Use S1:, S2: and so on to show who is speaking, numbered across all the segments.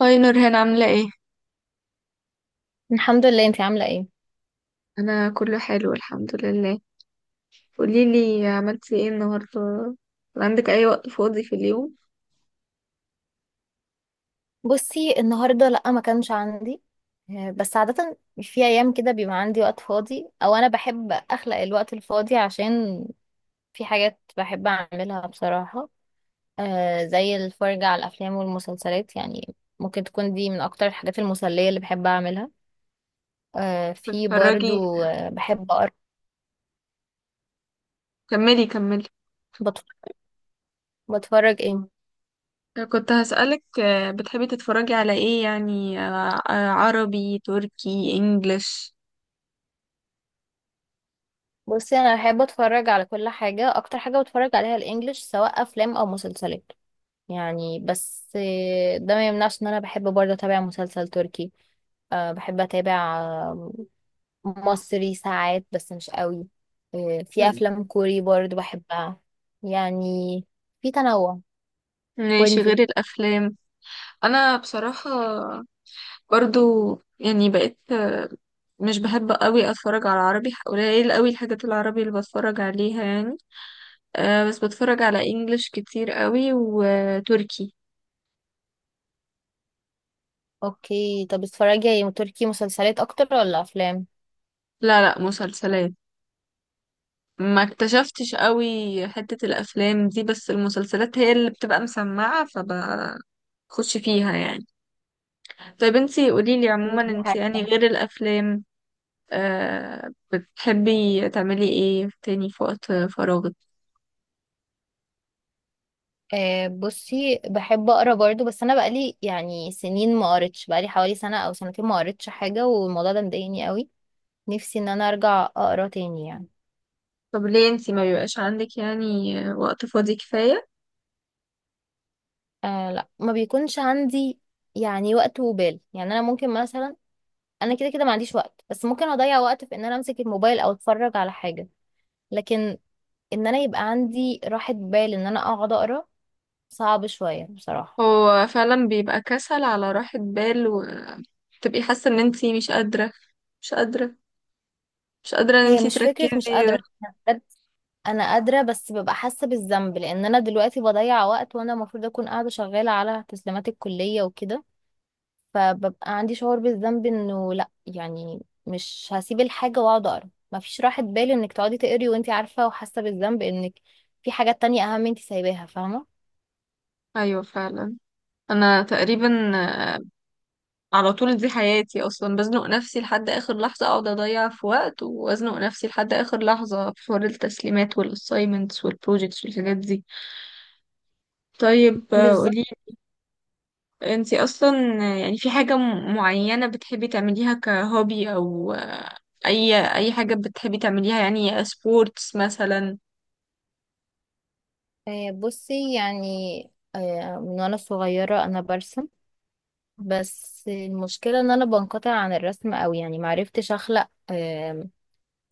S1: هاي نورهان عاملة ايه؟
S2: الحمد لله، انتي عاملة ايه؟
S1: أنا كله حلو الحمد لله. قوليلي عملتي ايه النهاردة؟ عندك أي وقت فاضي في اليوم؟
S2: بصي النهاردة لأ، ما كانش عندي. بس عادة في أيام كده بيبقى عندي وقت فاضي أو أنا بحب أخلق الوقت الفاضي، عشان في حاجات بحب أعملها بصراحة. زي الفرجة على الأفلام والمسلسلات يعني. ممكن تكون دي من أكتر الحاجات المسلية اللي بحب أعملها. في
S1: بتتفرجي،
S2: برضو، بحب أقرأ.
S1: كملي.
S2: بتف- بتفرج ايه؟
S1: كنت هسألك، بتحبي تتفرجي على ايه؟ يعني عربي، تركي، انجليش؟
S2: بصي أنا بحب أتفرج على كل حاجة، أكتر حاجة بتفرج عليها الإنجليش سواء أفلام أو مسلسلات يعني. بس ده ما يمنعش ان انا بحب برضه اتابع مسلسل تركي. بحب اتابع مصري ساعات بس مش قوي. في
S1: مم.
S2: افلام كوري برضه بحبها يعني. في تنوع.
S1: ماشي، غير
S2: وانتي؟
S1: الأفلام أنا بصراحة برضو يعني بقيت، مش بحب قوي أتفرج على عربي، قليل قوي الحاجات العربي اللي بتفرج عليها يعني. أه بس بتفرج على انجلش كتير قوي وتركي.
S2: اوكي، طب بتتفرجي تركي مسلسلات اكتر ولا افلام؟
S1: لا, مسلسلات. ما اكتشفتش قوي حتة الافلام دي، بس المسلسلات هي اللي بتبقى مسمعة فبخش فيها يعني. طيب انتي قوليلي، عموما
S2: دي
S1: انتي يعني
S2: حاجة.
S1: غير الافلام، أه بتحبي تعملي ايه تاني في وقت فراغك؟
S2: بصي بحب اقرا برضه، بس انا بقالي يعني سنين ما قريتش، بقالي حوالي سنة او سنتين ما قريتش حاجة، والموضوع ده مضايقني قوي. نفسي ان انا ارجع اقرا تاني يعني.
S1: طب ليه انتي ما بيبقاش عندك يعني وقت فاضي كفاية؟
S2: آه لا، ما بيكونش عندي يعني وقت وبال. يعني انا ممكن مثلا، انا كده كده ما عنديش وقت، بس ممكن اضيع وقت في ان انا امسك الموبايل او اتفرج على حاجة، لكن ان انا يبقى عندي راحة بال ان انا اقعد اقرا صعب شوية بصراحة.
S1: هو فعلا بيبقى كسل على راحة بال، وتبقي حاسة ان انتي مش قادرة, مش قادرة ان
S2: هي
S1: انتي
S2: مش فكرة مش قادرة،
S1: تركزي.
S2: أنا بجد انا قادرة، بس ببقى حاسة بالذنب لان انا دلوقتي بضيع وقت وانا المفروض اكون قاعدة شغالة على تسليمات الكلية وكده. فببقى عندي شعور بالذنب انه لا يعني، مش هسيب الحاجة واقعد اقرا. مفيش راحة بال انك تقعدي تقري وانت عارفة وحاسة بالذنب انك في حاجات تانية اهم انت سايباها، فاهمة؟
S1: ايوه فعلا. انا تقريبا، آه، على طول دي حياتي اصلا، بزنق نفسي لحد اخر لحظة، اقعد اضيع في وقت وازنق نفسي لحد اخر لحظة في حوار التسليمات والاسايمنتس والبروجيكتس والحاجات دي. طيب
S2: بالظبط.
S1: قولي، انتي اصلا، يعني في حاجة معينة بتحبي تعمليها كهوبي؟ او اي اي حاجة بتحبي تعمليها يعني، سبورتس مثلا؟
S2: بصي يعني، من وانا صغيرة انا برسم، بس المشكلة ان انا بنقطع عن الرسم اوي. يعني معرفتش اخلق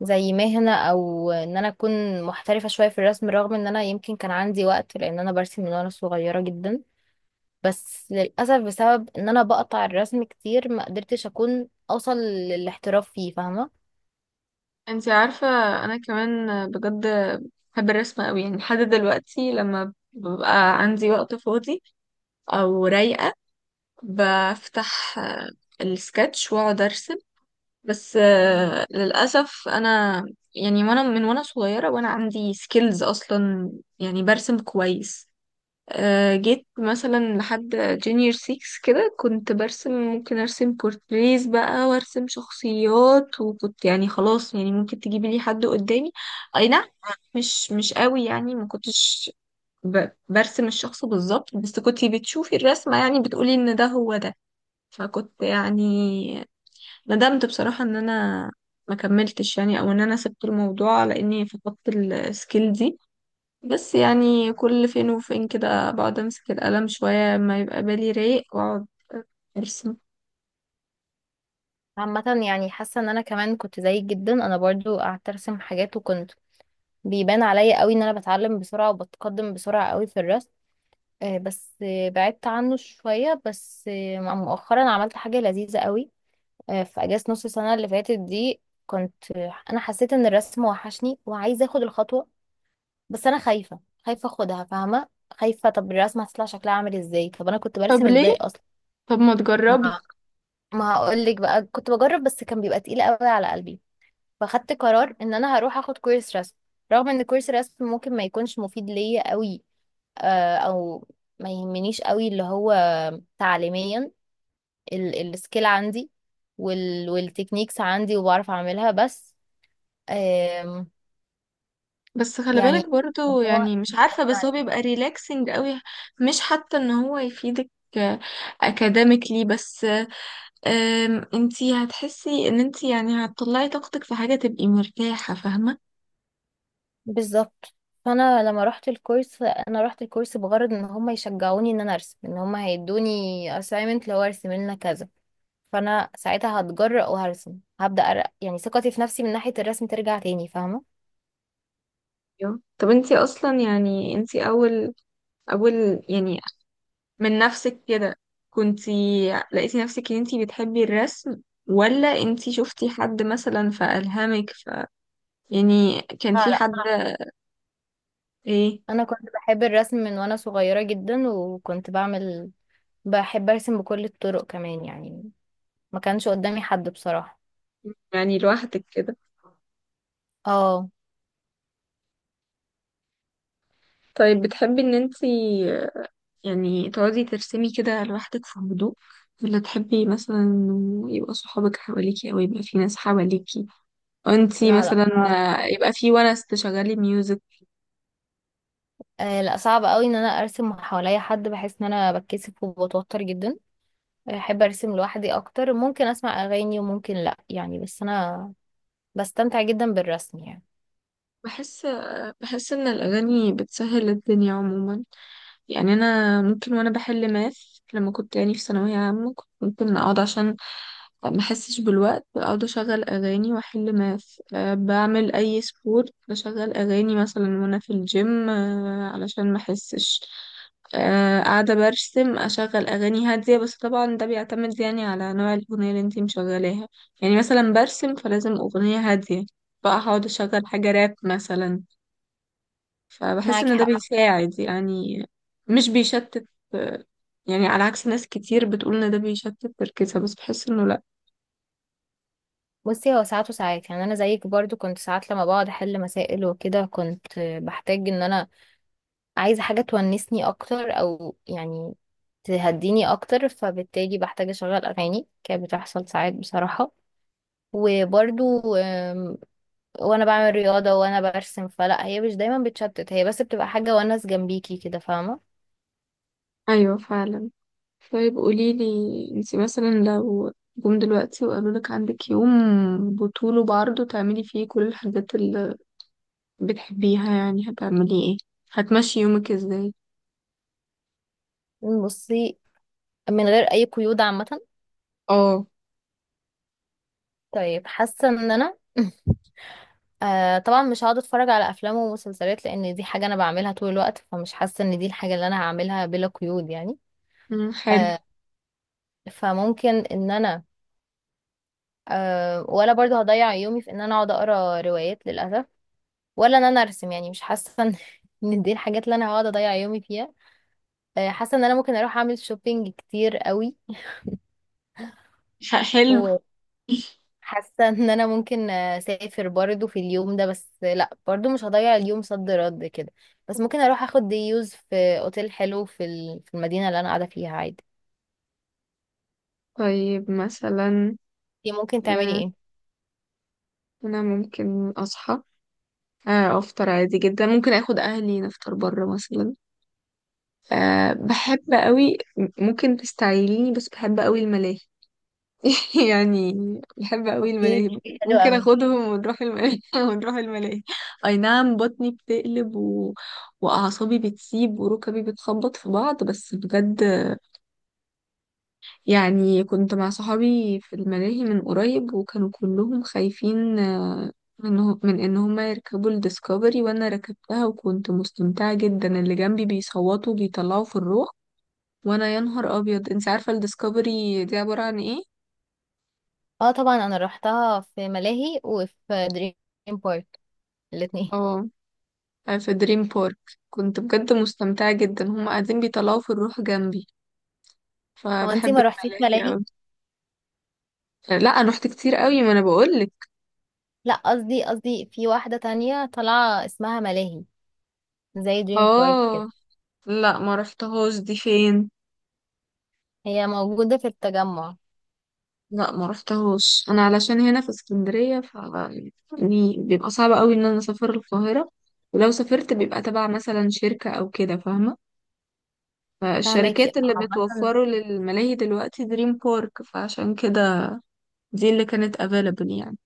S2: زي مهنة او ان انا اكون محترفة شوية في الرسم، رغم ان انا يمكن كان عندي وقت لان انا برسم من وانا صغيرة جدا. بس للأسف بسبب ان انا بقطع الرسم كتير ما قدرتش اكون اوصل للاحتراف فيه، فاهمة؟
S1: انتي عارفة، انا كمان بجد بحب الرسم قوي، يعني لحد دلوقتي لما ببقى عندي وقت فاضي او رايقة، بفتح، السكتش واقعد ارسم. بس للأسف انا، يعني وانا من وانا صغيرة وانا عندي سكيلز اصلا، يعني برسم كويس. جيت مثلا لحد جونيور 6 كده كنت برسم، ممكن ارسم بورتريز بقى وارسم شخصيات، وكنت يعني خلاص، يعني ممكن تجيبي لي حد قدامي، اي نعم مش قوي يعني، ما كنتش برسم الشخص بالظبط، بس كنت بتشوفي الرسمة يعني بتقولي ان ده هو ده. فكنت يعني ندمت بصراحة ان انا ما كملتش يعني، او ان انا سبت الموضوع لاني فقدت السكيل دي. بس يعني كل فين وفين كده بقعد امسك القلم شوية ما يبقى بالي رايق واقعد ارسم.
S2: عامة يعني حاسة ان انا كمان كنت زيك جدا. انا برضو قعدت ارسم حاجات وكنت بيبان عليا قوي ان انا بتعلم بسرعة وبتقدم بسرعة قوي في الرسم. بس بعدت عنه شوية. بس مؤخرا عملت حاجة لذيذة قوي. في اجازة نص السنة اللي فاتت دي كنت انا حسيت ان الرسم وحشني وعايزة اخد الخطوة، بس انا خايفه. خايفه اخدها، فاهمه؟ خايفه طب الرسمه هتطلع شكلها عامل ازاي، طب انا كنت
S1: طب
S2: برسم
S1: ليه؟
S2: ازاي اصلا.
S1: طب ما تجربي.
S2: ما ما هقول لك بقى، كنت بجرب بس كان بيبقى تقيل قوي على قلبي. فاخدت قرار ان انا هروح اخد كورس رسم، رغم ان كورس رسم ممكن ما يكونش مفيد ليا قوي، او ما يهمنيش قوي، اللي هو تعليميا السكيل عندي والتكنيكس عندي وبعرف اعملها، بس آم،
S1: بس خلي بالك
S2: يعني
S1: برضو،
S2: هو
S1: يعني مش عارفة، بس هو بيبقى ريلاكسنج قوي. مش حتى ان هو يفيدك اكاديميكلي بس، انتي هتحسي ان انتي يعني هتطلعي طاقتك في حاجة تبقي مرتاحة، فاهمة؟
S2: بالظبط. فانا لما رحت الكورس، انا رحت الكورس بغرض ان هم يشجعوني ان انا ارسم، ان هم هيدوني assignment لو ارسم لنا كذا، فانا ساعتها هتجرأ وهرسم، هبدأ يعني ثقتي في نفسي من ناحية الرسم ترجع تاني، فاهمة؟
S1: أيوة. طب انتي اصلا يعني انتي، اول يعني، من نفسك كده كنتي لقيتي نفسك ان انتي بتحبي الرسم؟ ولا انتي شفتي حد مثلا فألهمك؟ ف يعني كان
S2: لا
S1: في
S2: لا،
S1: حد؟ ايه؟
S2: انا كنت بحب الرسم من وانا صغيرة جدا وكنت بعمل، بحب ارسم بكل الطرق كمان يعني. ما كانش قدامي حد بصراحة.
S1: يعني لوحدك كده.
S2: اه.
S1: طيب بتحبي ان انتي يعني تقعدي ترسمي كده لوحدك في هدوء؟ ولا تحبي مثلا انه يبقى صحابك حواليكي، او يبقى في ناس حواليكي وانتي
S2: لا لا
S1: مثلا
S2: صعب أوي.
S1: يبقى في ونس تشغلي ميوزك؟
S2: آه لا، صعب قوي ان انا ارسم حواليا حد، بحس ان انا بتكسف وبتوتر جدا. احب ارسم لوحدي اكتر، ممكن اسمع اغاني وممكن لا يعني، بس انا بستمتع جدا بالرسم يعني.
S1: بحس بحس ان الاغاني بتسهل الدنيا عموما. يعني انا ممكن وانا بحل ماث، لما كنت يعني في ثانويه عامه، كنت ممكن اقعد عشان ما احسش بالوقت اقعد اشغل اغاني واحل ماث. أه بعمل اي سبورت بشغل اغاني مثلا وانا في الجيم أه علشان ما احسش. أه قاعده برسم اشغل اغاني هاديه. بس طبعا ده بيعتمد يعني على نوع الاغنيه اللي انتي مشغلاها. يعني مثلا برسم فلازم اغنيه هاديه، بقى هقعد اشغل حاجه راب مثلا. فبحس
S2: معاك
S1: ان ده
S2: حق.
S1: بيساعد يعني، مش بيشتت. يعني على عكس ناس كتير بتقول ان ده بيشتت تركيزها، بس بحس انه لا.
S2: بصي هو ساعات وساعات. يعني انا زيك برضو، كنت ساعات لما بقعد احل مسائل وكده كنت بحتاج ان انا عايزه حاجه تونسني اكتر او يعني تهديني اكتر، فبالتالي بحتاج اشغل اغاني. كانت بتحصل ساعات بصراحه. وبرضو وانا بعمل رياضه وانا برسم، فلا هي مش دايما بتشتت، هي بس بتبقى حاجه ونس جنبيكي كده، فاهمه؟
S1: ايوه فعلا. طيب قوليلي، انتي مثلا لو جم دلوقتي وقالولك عندك يوم بطوله بعرضه تعملي فيه كل الحاجات اللي بتحبيها، يعني هتعملي ايه؟ هتمشي يومك ازاي؟
S2: بصي من غير اي قيود عامه؟
S1: اه.
S2: طيب حاسه ان انا آه طبعا مش هقعد اتفرج على افلام ومسلسلات لان دي حاجه انا بعملها طول الوقت، فمش حاسه ان دي الحاجه اللي انا هعملها بلا قيود يعني.
S1: مم، حلو.
S2: آه، فممكن ان انا، آه ولا برضو هضيع يومي في ان انا اقعد اقرا روايات للاسف، ولا ان انا ارسم، يعني مش حاسه ان إن دي الحاجات اللي انا هقعد اضيع يومي فيها. آه، حاسه ان انا ممكن اروح اعمل شوبينج كتير قوي.
S1: حلو.
S2: حاسه ان انا ممكن اسافر برضو في اليوم ده، بس لا برضو مش هضيع اليوم صد رد كده، بس ممكن اروح اخد ديوز في اوتيل حلو في في المدينه اللي انا قاعده فيها عادي.
S1: طيب مثلا،
S2: دي ممكن تعملي
S1: آه،
S2: ايه؟
S1: انا ممكن اصحى، افطر عادي جدا، ممكن اخد اهلي نفطر بره مثلا. أه بحب قوي، ممكن تستعيليني بس بحب قوي الملاهي. يعني بحب قوي
S2: اوكي
S1: الملاهي،
S2: دي حاجة حلوة
S1: ممكن
S2: قوي.
S1: اخدهم ونروح الملاهي. ونروح الملاهي، اي نعم بطني بتقلب و... واعصابي بتسيب وركبي بتخبط في بعض، بس بجد يعني، كنت مع صحابي في الملاهي من قريب وكانوا كلهم خايفين، من من ان هما يركبوا الديسكفري، وانا ركبتها وكنت مستمتعة جدا، اللي جنبي بيصوتوا بيطلعوا في الروح، وانا يا نهار ابيض. انت عارفة الديسكفري دي عبارة عن ايه؟
S2: اه طبعا، انا روحتها في ملاهي وفي دريم بارك الاتنين.
S1: اه في دريم بارك كنت بجد مستمتعة جدا، هما قاعدين بيطلعوا في الروح جنبي.
S2: هو انتي
S1: فبحب
S2: ما روحتيش
S1: الملاهي
S2: ملاهي؟
S1: اوي. لا انا رحت كتير قوي، ما انا بقولك.
S2: لا، قصدي في واحده تانية طالعه اسمها ملاهي، زي دريم بارك كده.
S1: اه لا ما رحتهاش، دي فين؟
S2: هي موجوده في التجمع.
S1: لا ما رحتهوش انا، علشان هنا في اسكندريه، ف يعني بيبقى صعب قوي ان انا اسافر القاهره، ولو سافرت بيبقى تبع مثلا شركه او كده، فاهمه؟ فالشركات
S2: فهماكي؟
S1: اللي
S2: عامة
S1: بتوفره للملاهي دلوقتي دريم بارك، فعشان كده دي اللي كانت available يعني.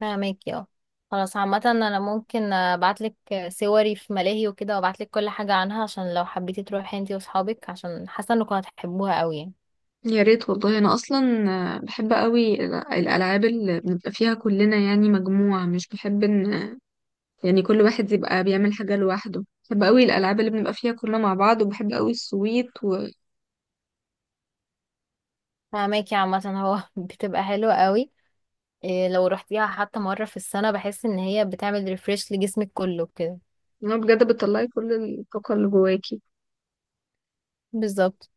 S2: فاهمك، اه. خلاص عامة انا ممكن ابعتلك صوري في ملاهي وكده وابعتلك كل حاجة عنها، عشان لو حبيتي تروحي انتي واصحابك، عشان حاسة انكم هتحبوها قوي يعني.
S1: يا ريت والله. انا اصلا بحب قوي الالعاب اللي بنبقى فيها كلنا، يعني مجموعه، مش بحب ان يعني كل واحد يبقى بيعمل حاجه لوحده. بحب قوي الالعاب اللي بنبقى فيها كلنا مع بعض، وبحب قوي السويت.
S2: فاهمك. يا عامة هو بتبقى حلوة قوي. إيه لو رحتيها حتى مرة في السنة، بحس ان هي بتعمل ريفريش لجسمك كله كده.
S1: هو بجد بتطلعي كل الطاقة اللي جواكي.
S2: بالظبط.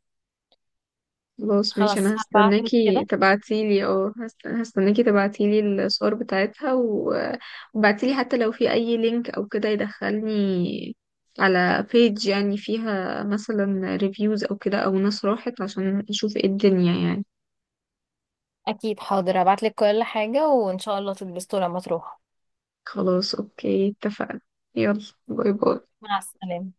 S1: خلاص ماشي،
S2: خلاص
S1: انا
S2: هبعتلك
S1: هستناكي
S2: كده.
S1: تبعتيلي، اه هستناكي تبعتيلي الصور بتاعتها و... وبعتيلي حتى لو في اي لينك او كده يدخلني على بيج يعني فيها مثلا ريفيوز او كده، او ناس راحت، عشان اشوف ايه الدنيا يعني.
S2: اكيد، حاضر هبعتلك كل حاجة، وان شاء الله تتبسطوا لما تروحوا.
S1: خلاص اوكي، اتفقنا. يلا، باي باي.
S2: مع السلامة.